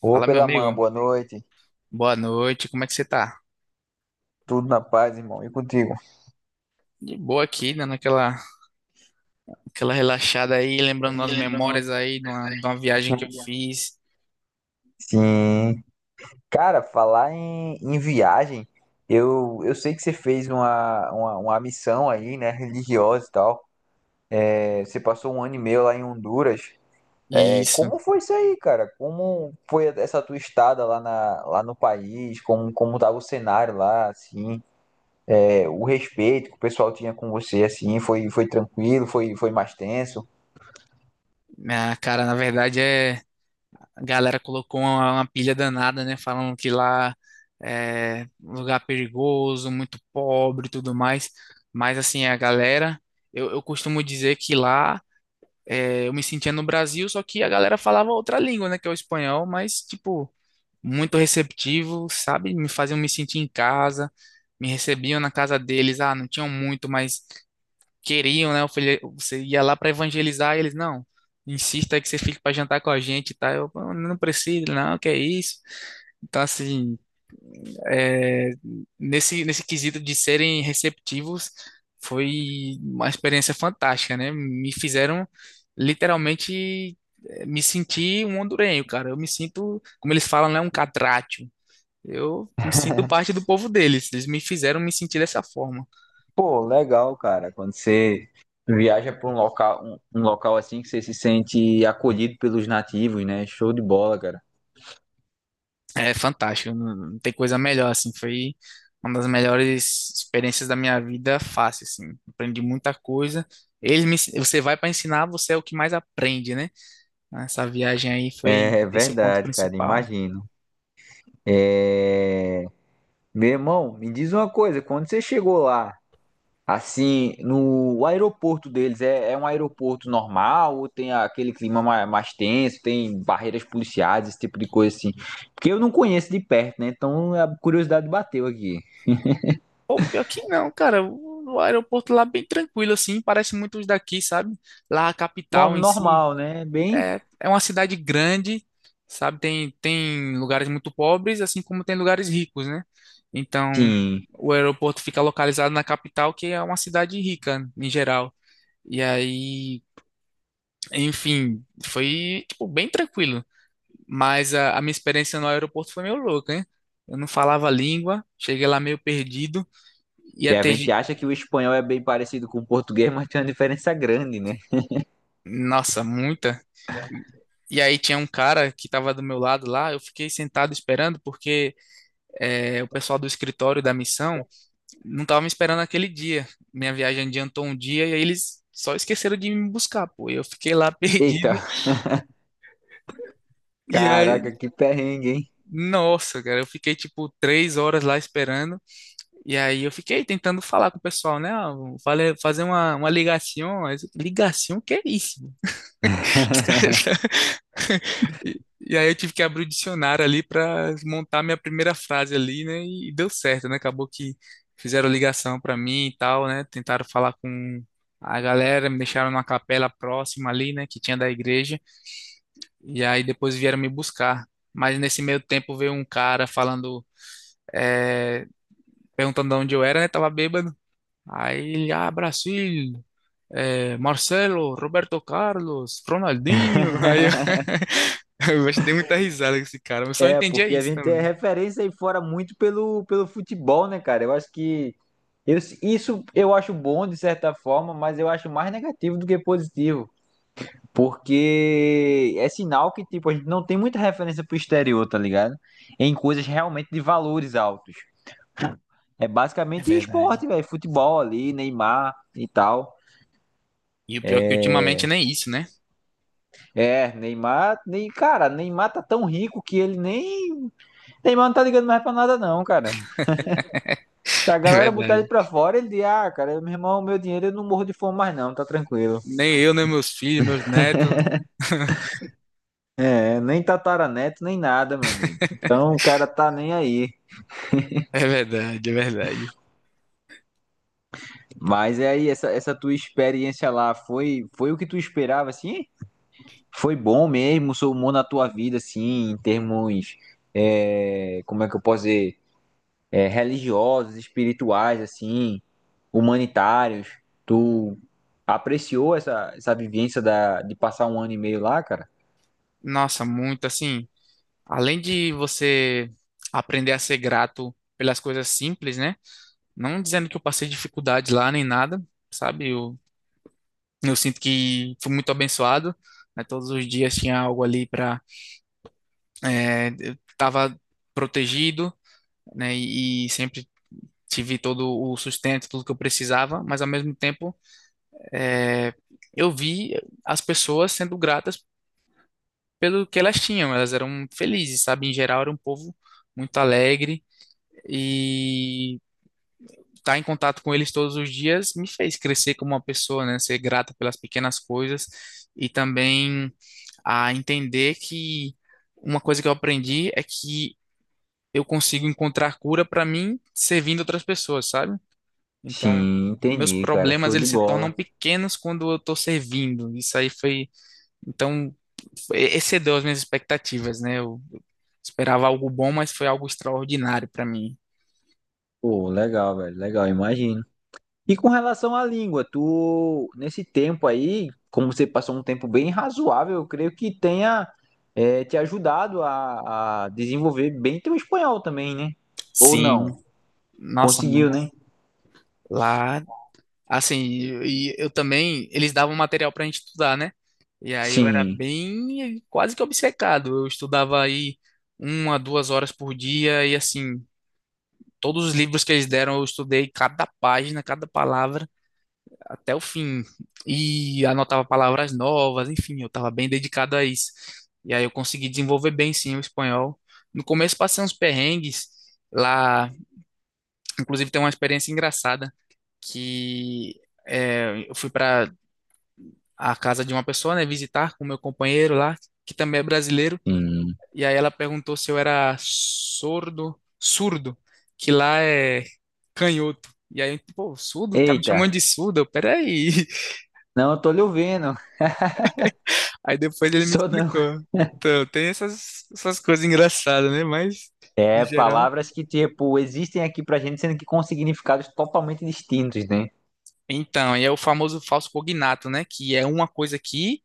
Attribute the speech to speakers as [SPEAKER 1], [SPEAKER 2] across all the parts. [SPEAKER 1] Ô,
[SPEAKER 2] Fala, meu
[SPEAKER 1] pela mãe.
[SPEAKER 2] amigo.
[SPEAKER 1] Boa noite.
[SPEAKER 2] Boa noite. Como é que você tá?
[SPEAKER 1] Tudo na paz, irmão. E contigo?
[SPEAKER 2] De boa aqui, dando aquela relaxada aí, lembrando umas memórias aí de uma viagem que eu fiz.
[SPEAKER 1] Sim. Cara, falar em viagem, eu sei que você fez uma missão aí, né, religiosa e tal. É, você passou um ano e meio lá em Honduras. É,
[SPEAKER 2] Isso.
[SPEAKER 1] como foi isso aí, cara? Como foi essa tua estada lá, lá no país? Como tava o cenário lá, assim? É, o respeito que o pessoal tinha com você, assim, foi tranquilo? Foi mais tenso?
[SPEAKER 2] Ah, cara, na verdade A galera colocou uma pilha danada, né? Falando que lá é um lugar perigoso, muito pobre e tudo mais. Mas assim, a galera. Eu costumo dizer que lá eu me sentia no Brasil, só que a galera falava outra língua, né? Que é o espanhol, mas tipo. Muito receptivo, sabe? Me faziam me sentir em casa, me recebiam na casa deles. Ah, não tinham muito, mas queriam, né? Você ia lá para evangelizar e eles, não, insista aí que você fique para jantar com a gente, tá? Eu "Pô, não preciso, não, que é isso. Então, assim, é, nesse quesito de serem receptivos, foi uma experiência fantástica, né? Me fizeram literalmente me sentir um hondurenho, cara. Eu me sinto, como eles falam, né? Um catrate, eu me sinto parte do povo deles. Eles me fizeram me sentir dessa forma.
[SPEAKER 1] Pô, legal, cara. Quando você viaja para um local, um local assim que você se sente acolhido pelos nativos, né? Show de bola, cara.
[SPEAKER 2] É fantástico. Não, não tem coisa melhor, assim. Foi uma das melhores experiências da minha vida, fácil, assim. Aprendi muita coisa. Você vai para ensinar, você é o que mais aprende, né? Essa viagem aí foi
[SPEAKER 1] É
[SPEAKER 2] esse o ponto
[SPEAKER 1] verdade, cara.
[SPEAKER 2] principal.
[SPEAKER 1] Imagino. É... Meu irmão, me diz uma coisa. Quando você chegou lá, assim, no o aeroporto deles, é um aeroporto normal ou tem aquele clima mais, tenso? Tem barreiras policiais, esse tipo de coisa assim? Porque eu não conheço de perto, né? Então a curiosidade bateu aqui.
[SPEAKER 2] Pô, pior que não, cara. O aeroporto lá é bem tranquilo, assim. Parece muito os daqui, sabe? Lá a capital em si.
[SPEAKER 1] Normal, né? Bem,
[SPEAKER 2] É uma cidade grande, sabe? Tem lugares muito pobres, assim como tem lugares ricos, né? Então,
[SPEAKER 1] sim.
[SPEAKER 2] o aeroporto fica localizado na capital, que é uma cidade rica, em geral. E aí, enfim, foi, tipo, bem tranquilo. Mas a minha experiência no aeroporto foi meio louca, hein? Eu não falava a língua, cheguei lá meio perdido. Ia
[SPEAKER 1] E a
[SPEAKER 2] ter...
[SPEAKER 1] gente
[SPEAKER 2] ge-
[SPEAKER 1] acha que o espanhol é bem parecido com o português, mas tem uma diferença grande, né?
[SPEAKER 2] Nossa, muita... E aí tinha um cara que tava do meu lado lá, eu fiquei sentado esperando porque o pessoal do escritório da missão não estava me esperando aquele dia. Minha viagem adiantou um dia e aí eles só esqueceram de me buscar, pô. Eu fiquei lá
[SPEAKER 1] Eita,
[SPEAKER 2] perdido e aí,
[SPEAKER 1] caraca, que perrengue, hein?
[SPEAKER 2] nossa, cara, eu fiquei tipo 3 horas lá esperando e aí eu fiquei tentando falar com o pessoal, né? Ah, fazer uma ligação, ligação, que é isso? Os caras E aí eu tive que abrir o dicionário ali para montar minha primeira frase ali, né? E deu certo, né? Acabou que fizeram ligação para mim e tal, né? Tentaram falar com a galera, me deixaram numa capela próxima ali, né? Que tinha da igreja. E aí depois vieram me buscar. Mas nesse meio tempo veio um cara falando, é, perguntando de onde eu era, né? Tava bêbado. Aí ele, ah, Brasil, Marcelo, Roberto Carlos, Ronaldinho. Aí eu, eu acho que dei muita risada com esse cara, mas só
[SPEAKER 1] É,
[SPEAKER 2] entendia
[SPEAKER 1] porque a
[SPEAKER 2] isso
[SPEAKER 1] gente é
[SPEAKER 2] também.
[SPEAKER 1] referência aí fora muito pelo futebol, né, cara? Eu acho que isso eu acho bom de certa forma, mas eu acho mais negativo do que positivo. Porque é sinal que, tipo, a gente não tem muita referência pro exterior, tá ligado? Em coisas realmente de valores altos. É
[SPEAKER 2] É
[SPEAKER 1] basicamente
[SPEAKER 2] verdade.
[SPEAKER 1] esporte, velho. Futebol ali, Neymar e tal.
[SPEAKER 2] E o pior é que ultimamente nem isso, né?
[SPEAKER 1] É, Neymar, nem, cara, Neymar tá tão rico que ele nem. Neymar não tá ligando mais pra nada, não, cara. Se a
[SPEAKER 2] É
[SPEAKER 1] galera botar
[SPEAKER 2] verdade.
[SPEAKER 1] ele pra fora, ele diz, ah, cara, meu irmão, meu dinheiro eu não morro de fome mais, não, tá tranquilo.
[SPEAKER 2] Nem eu, nem meus filhos, meus netos.
[SPEAKER 1] É, nem tataraneto, nem nada, meu amigo. Então o cara tá nem aí.
[SPEAKER 2] É verdade, é verdade.
[SPEAKER 1] Mas é aí, essa tua experiência lá foi, o que tu esperava, assim? Foi bom mesmo, somou na tua vida, assim, em termos. Como é que eu posso dizer? Religiosos, espirituais, assim, humanitários. Tu apreciou essa vivência de passar um ano e meio lá, cara?
[SPEAKER 2] Nossa, muito assim. Além de você aprender a ser grato pelas coisas simples, né? Não dizendo que eu passei dificuldade lá nem nada, sabe? Eu sinto que fui muito abençoado, né? Todos os dias tinha algo ali para eu estava protegido, né? E sempre tive todo o sustento, tudo que eu precisava, mas ao mesmo tempo é, eu vi as pessoas sendo gratas pelo que elas tinham, elas eram felizes, sabe? Em geral era um povo muito alegre e estar em contato com eles todos os dias me fez crescer como uma pessoa, né? Ser grata pelas pequenas coisas e também a entender que uma coisa que eu aprendi é que eu consigo encontrar cura para mim servindo outras pessoas, sabe? Então,
[SPEAKER 1] Sim,
[SPEAKER 2] meus
[SPEAKER 1] entendi, cara.
[SPEAKER 2] problemas
[SPEAKER 1] Show de
[SPEAKER 2] eles se tornam
[SPEAKER 1] bola.
[SPEAKER 2] pequenos quando eu estou servindo. Isso aí foi, então, excedeu as minhas expectativas, né? Eu esperava algo bom, mas foi algo extraordinário para mim.
[SPEAKER 1] Pô, legal, velho. Legal, imagino. E com relação à língua, tu, nesse tempo aí, como você passou um tempo bem razoável, eu creio que tenha, te ajudado a desenvolver bem teu espanhol também, né? Ou
[SPEAKER 2] Sim,
[SPEAKER 1] não?
[SPEAKER 2] nossa,
[SPEAKER 1] Conseguiu,
[SPEAKER 2] muito.
[SPEAKER 1] né?
[SPEAKER 2] Lá assim, e eu também, eles davam material pra gente estudar, né? E aí eu era
[SPEAKER 1] Sim,
[SPEAKER 2] bem, quase que obcecado. Eu estudava aí uma, 2 horas por dia e assim, todos os livros que eles deram eu estudei cada página, cada palavra até o fim. E anotava palavras novas, enfim, eu estava bem dedicado a isso. E aí eu consegui desenvolver bem sim o espanhol. No começo passei uns perrengues lá, inclusive tem uma experiência engraçada que eu fui para à casa de uma pessoa, né, visitar com meu companheiro lá, que também é brasileiro,
[SPEAKER 1] sim.
[SPEAKER 2] e aí ela perguntou se eu era sordo, surdo, que lá é canhoto. E aí, pô, surdo? Tá me
[SPEAKER 1] Eita.
[SPEAKER 2] chamando de surdo? Eu, Peraí.
[SPEAKER 1] Não, eu tô lhe ouvindo.
[SPEAKER 2] Aí depois ele me
[SPEAKER 1] Sou não.
[SPEAKER 2] explicou. Então, tem essas coisas engraçadas, né? Mas, no
[SPEAKER 1] É,
[SPEAKER 2] geral.
[SPEAKER 1] palavras que, tipo, existem aqui pra gente, sendo que com significados totalmente distintos, né?
[SPEAKER 2] Então, e é o famoso falso cognato, né? Que é uma coisa aqui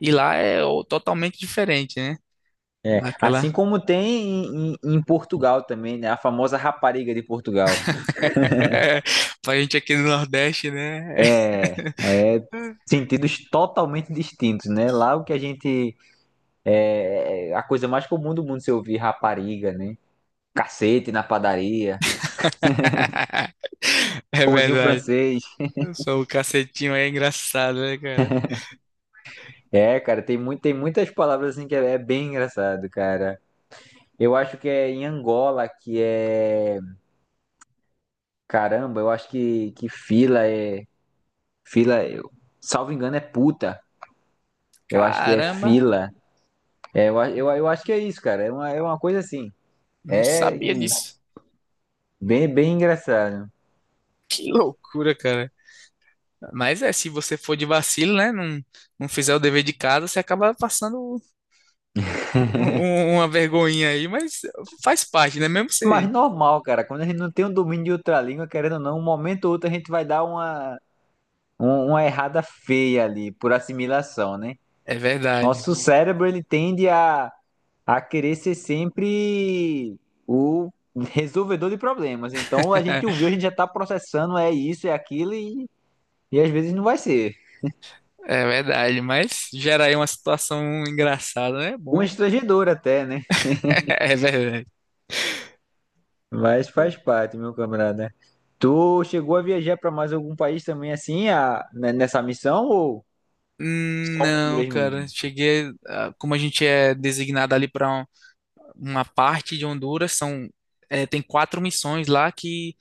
[SPEAKER 2] e lá é o- totalmente diferente, né?
[SPEAKER 1] É, assim
[SPEAKER 2] Daquela.
[SPEAKER 1] como tem em Portugal também, né? A famosa rapariga de Portugal.
[SPEAKER 2] Pra gente aqui no Nordeste, né?
[SPEAKER 1] É, é sentidos totalmente distintos, né? Lá o que a gente é é a coisa mais comum do mundo se ouvir rapariga, né? Cacete na padaria,
[SPEAKER 2] É
[SPEAKER 1] pãozinho
[SPEAKER 2] verdade.
[SPEAKER 1] francês.
[SPEAKER 2] Eu sou o cacetinho aí, é engraçado, né, cara?
[SPEAKER 1] É, cara, tem muitas palavras assim que é bem engraçado, cara. Eu acho que é em Angola que é. Caramba, eu acho que fila é. Fila, eu, salvo engano, é puta. Eu acho que é
[SPEAKER 2] Caramba,
[SPEAKER 1] fila. É, eu acho que é isso, cara. É uma coisa assim.
[SPEAKER 2] não
[SPEAKER 1] É
[SPEAKER 2] sabia disso.
[SPEAKER 1] bem, bem engraçado.
[SPEAKER 2] Que loucura, cara. Mas é, se você for de vacilo, né? Não, não fizer o dever de casa, você acaba passando um, uma vergonhinha aí, mas faz parte, né? Mesmo você.
[SPEAKER 1] Mas normal, cara. Quando a gente não tem um domínio de outra língua, querendo ou não, um momento ou outro a gente vai dar uma errada feia ali, por assimilação, né?
[SPEAKER 2] É verdade.
[SPEAKER 1] Nosso cérebro, ele tende a querer ser sempre o resolvedor de problemas. Então a gente ouviu, a gente já está processando, é isso, é aquilo, e às vezes não vai ser.
[SPEAKER 2] É verdade, mas gera aí uma situação engraçada, né? É
[SPEAKER 1] Um
[SPEAKER 2] bom.
[SPEAKER 1] estrangedor até, né?
[SPEAKER 2] É verdade.
[SPEAKER 1] Mas faz parte, meu camarada. Tu chegou a viajar para mais algum país também assim, a, né, nessa missão, ou só
[SPEAKER 2] Não,
[SPEAKER 1] Honduras
[SPEAKER 2] cara,
[SPEAKER 1] mesmo?
[SPEAKER 2] cheguei, ah, como a gente é designado ali para uma parte de Honduras, são, é, tem 4 missões lá que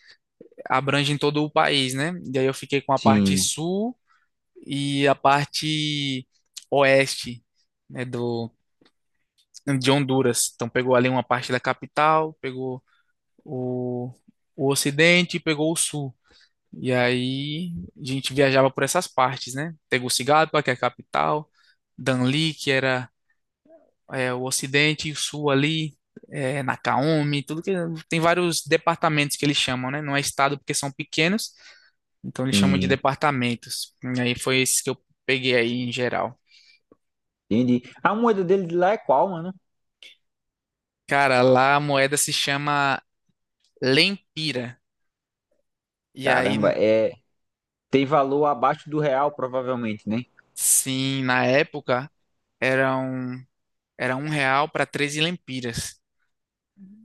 [SPEAKER 2] abrangem todo o país, né? E aí eu fiquei com a parte
[SPEAKER 1] Sim,
[SPEAKER 2] sul e a parte oeste, né, do, de Honduras. Então pegou ali uma parte da capital, pegou o, o ocidente e pegou o sul. E aí a gente viajava por essas partes, né? Tegucigalpa, que é a capital, Danlí, que era o Ocidente e o Sul ali, é, Nakaomi, tudo que tem vários departamentos que eles chamam, né? Não é estado porque são pequenos, então eles chamam de
[SPEAKER 1] sim,
[SPEAKER 2] departamentos. E aí foi esse que eu peguei aí em geral.
[SPEAKER 1] entendi. A moeda dele de lá é qual, mano?
[SPEAKER 2] Cara, lá a moeda se chama lempira. E aí,
[SPEAKER 1] Caramba, é. Tem valor abaixo do real, provavelmente, né?
[SPEAKER 2] sim, na época era um, era um real para 13 lempiras.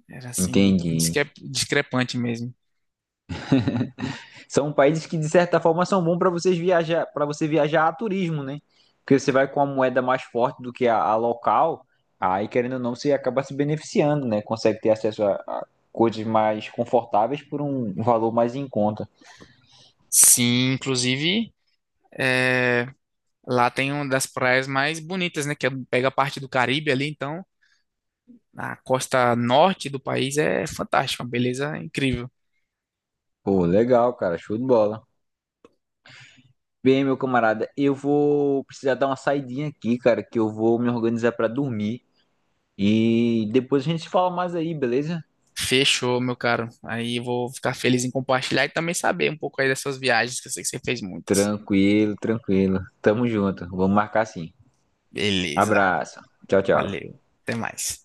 [SPEAKER 2] Era assim, bem
[SPEAKER 1] Entendi.
[SPEAKER 2] discrepante mesmo.
[SPEAKER 1] São países que, de certa forma, são bons para você viajar a turismo, né? Porque você vai com a moeda mais forte do que a local, aí querendo ou não, você acaba se beneficiando, né? Consegue ter acesso a coisas mais confortáveis por um valor mais em conta.
[SPEAKER 2] Sim, inclusive. é, Lá tem uma das praias mais bonitas, né? Pega a parte do Caribe ali, então a costa norte do país é fantástica, uma beleza incrível.
[SPEAKER 1] Pô, legal, cara, show de bola. Bem, meu camarada, eu vou precisar dar uma saidinha aqui, cara, que eu vou me organizar para dormir e depois a gente se fala mais aí, beleza?
[SPEAKER 2] Fechou, meu caro. Aí eu vou ficar feliz em compartilhar e também saber um pouco aí das suas viagens, que eu sei que você fez muitas.
[SPEAKER 1] Tranquilo, tranquilo. Tamo junto. Vamos marcar sim.
[SPEAKER 2] Beleza,
[SPEAKER 1] Abraço. Tchau, tchau.
[SPEAKER 2] valeu. Até mais.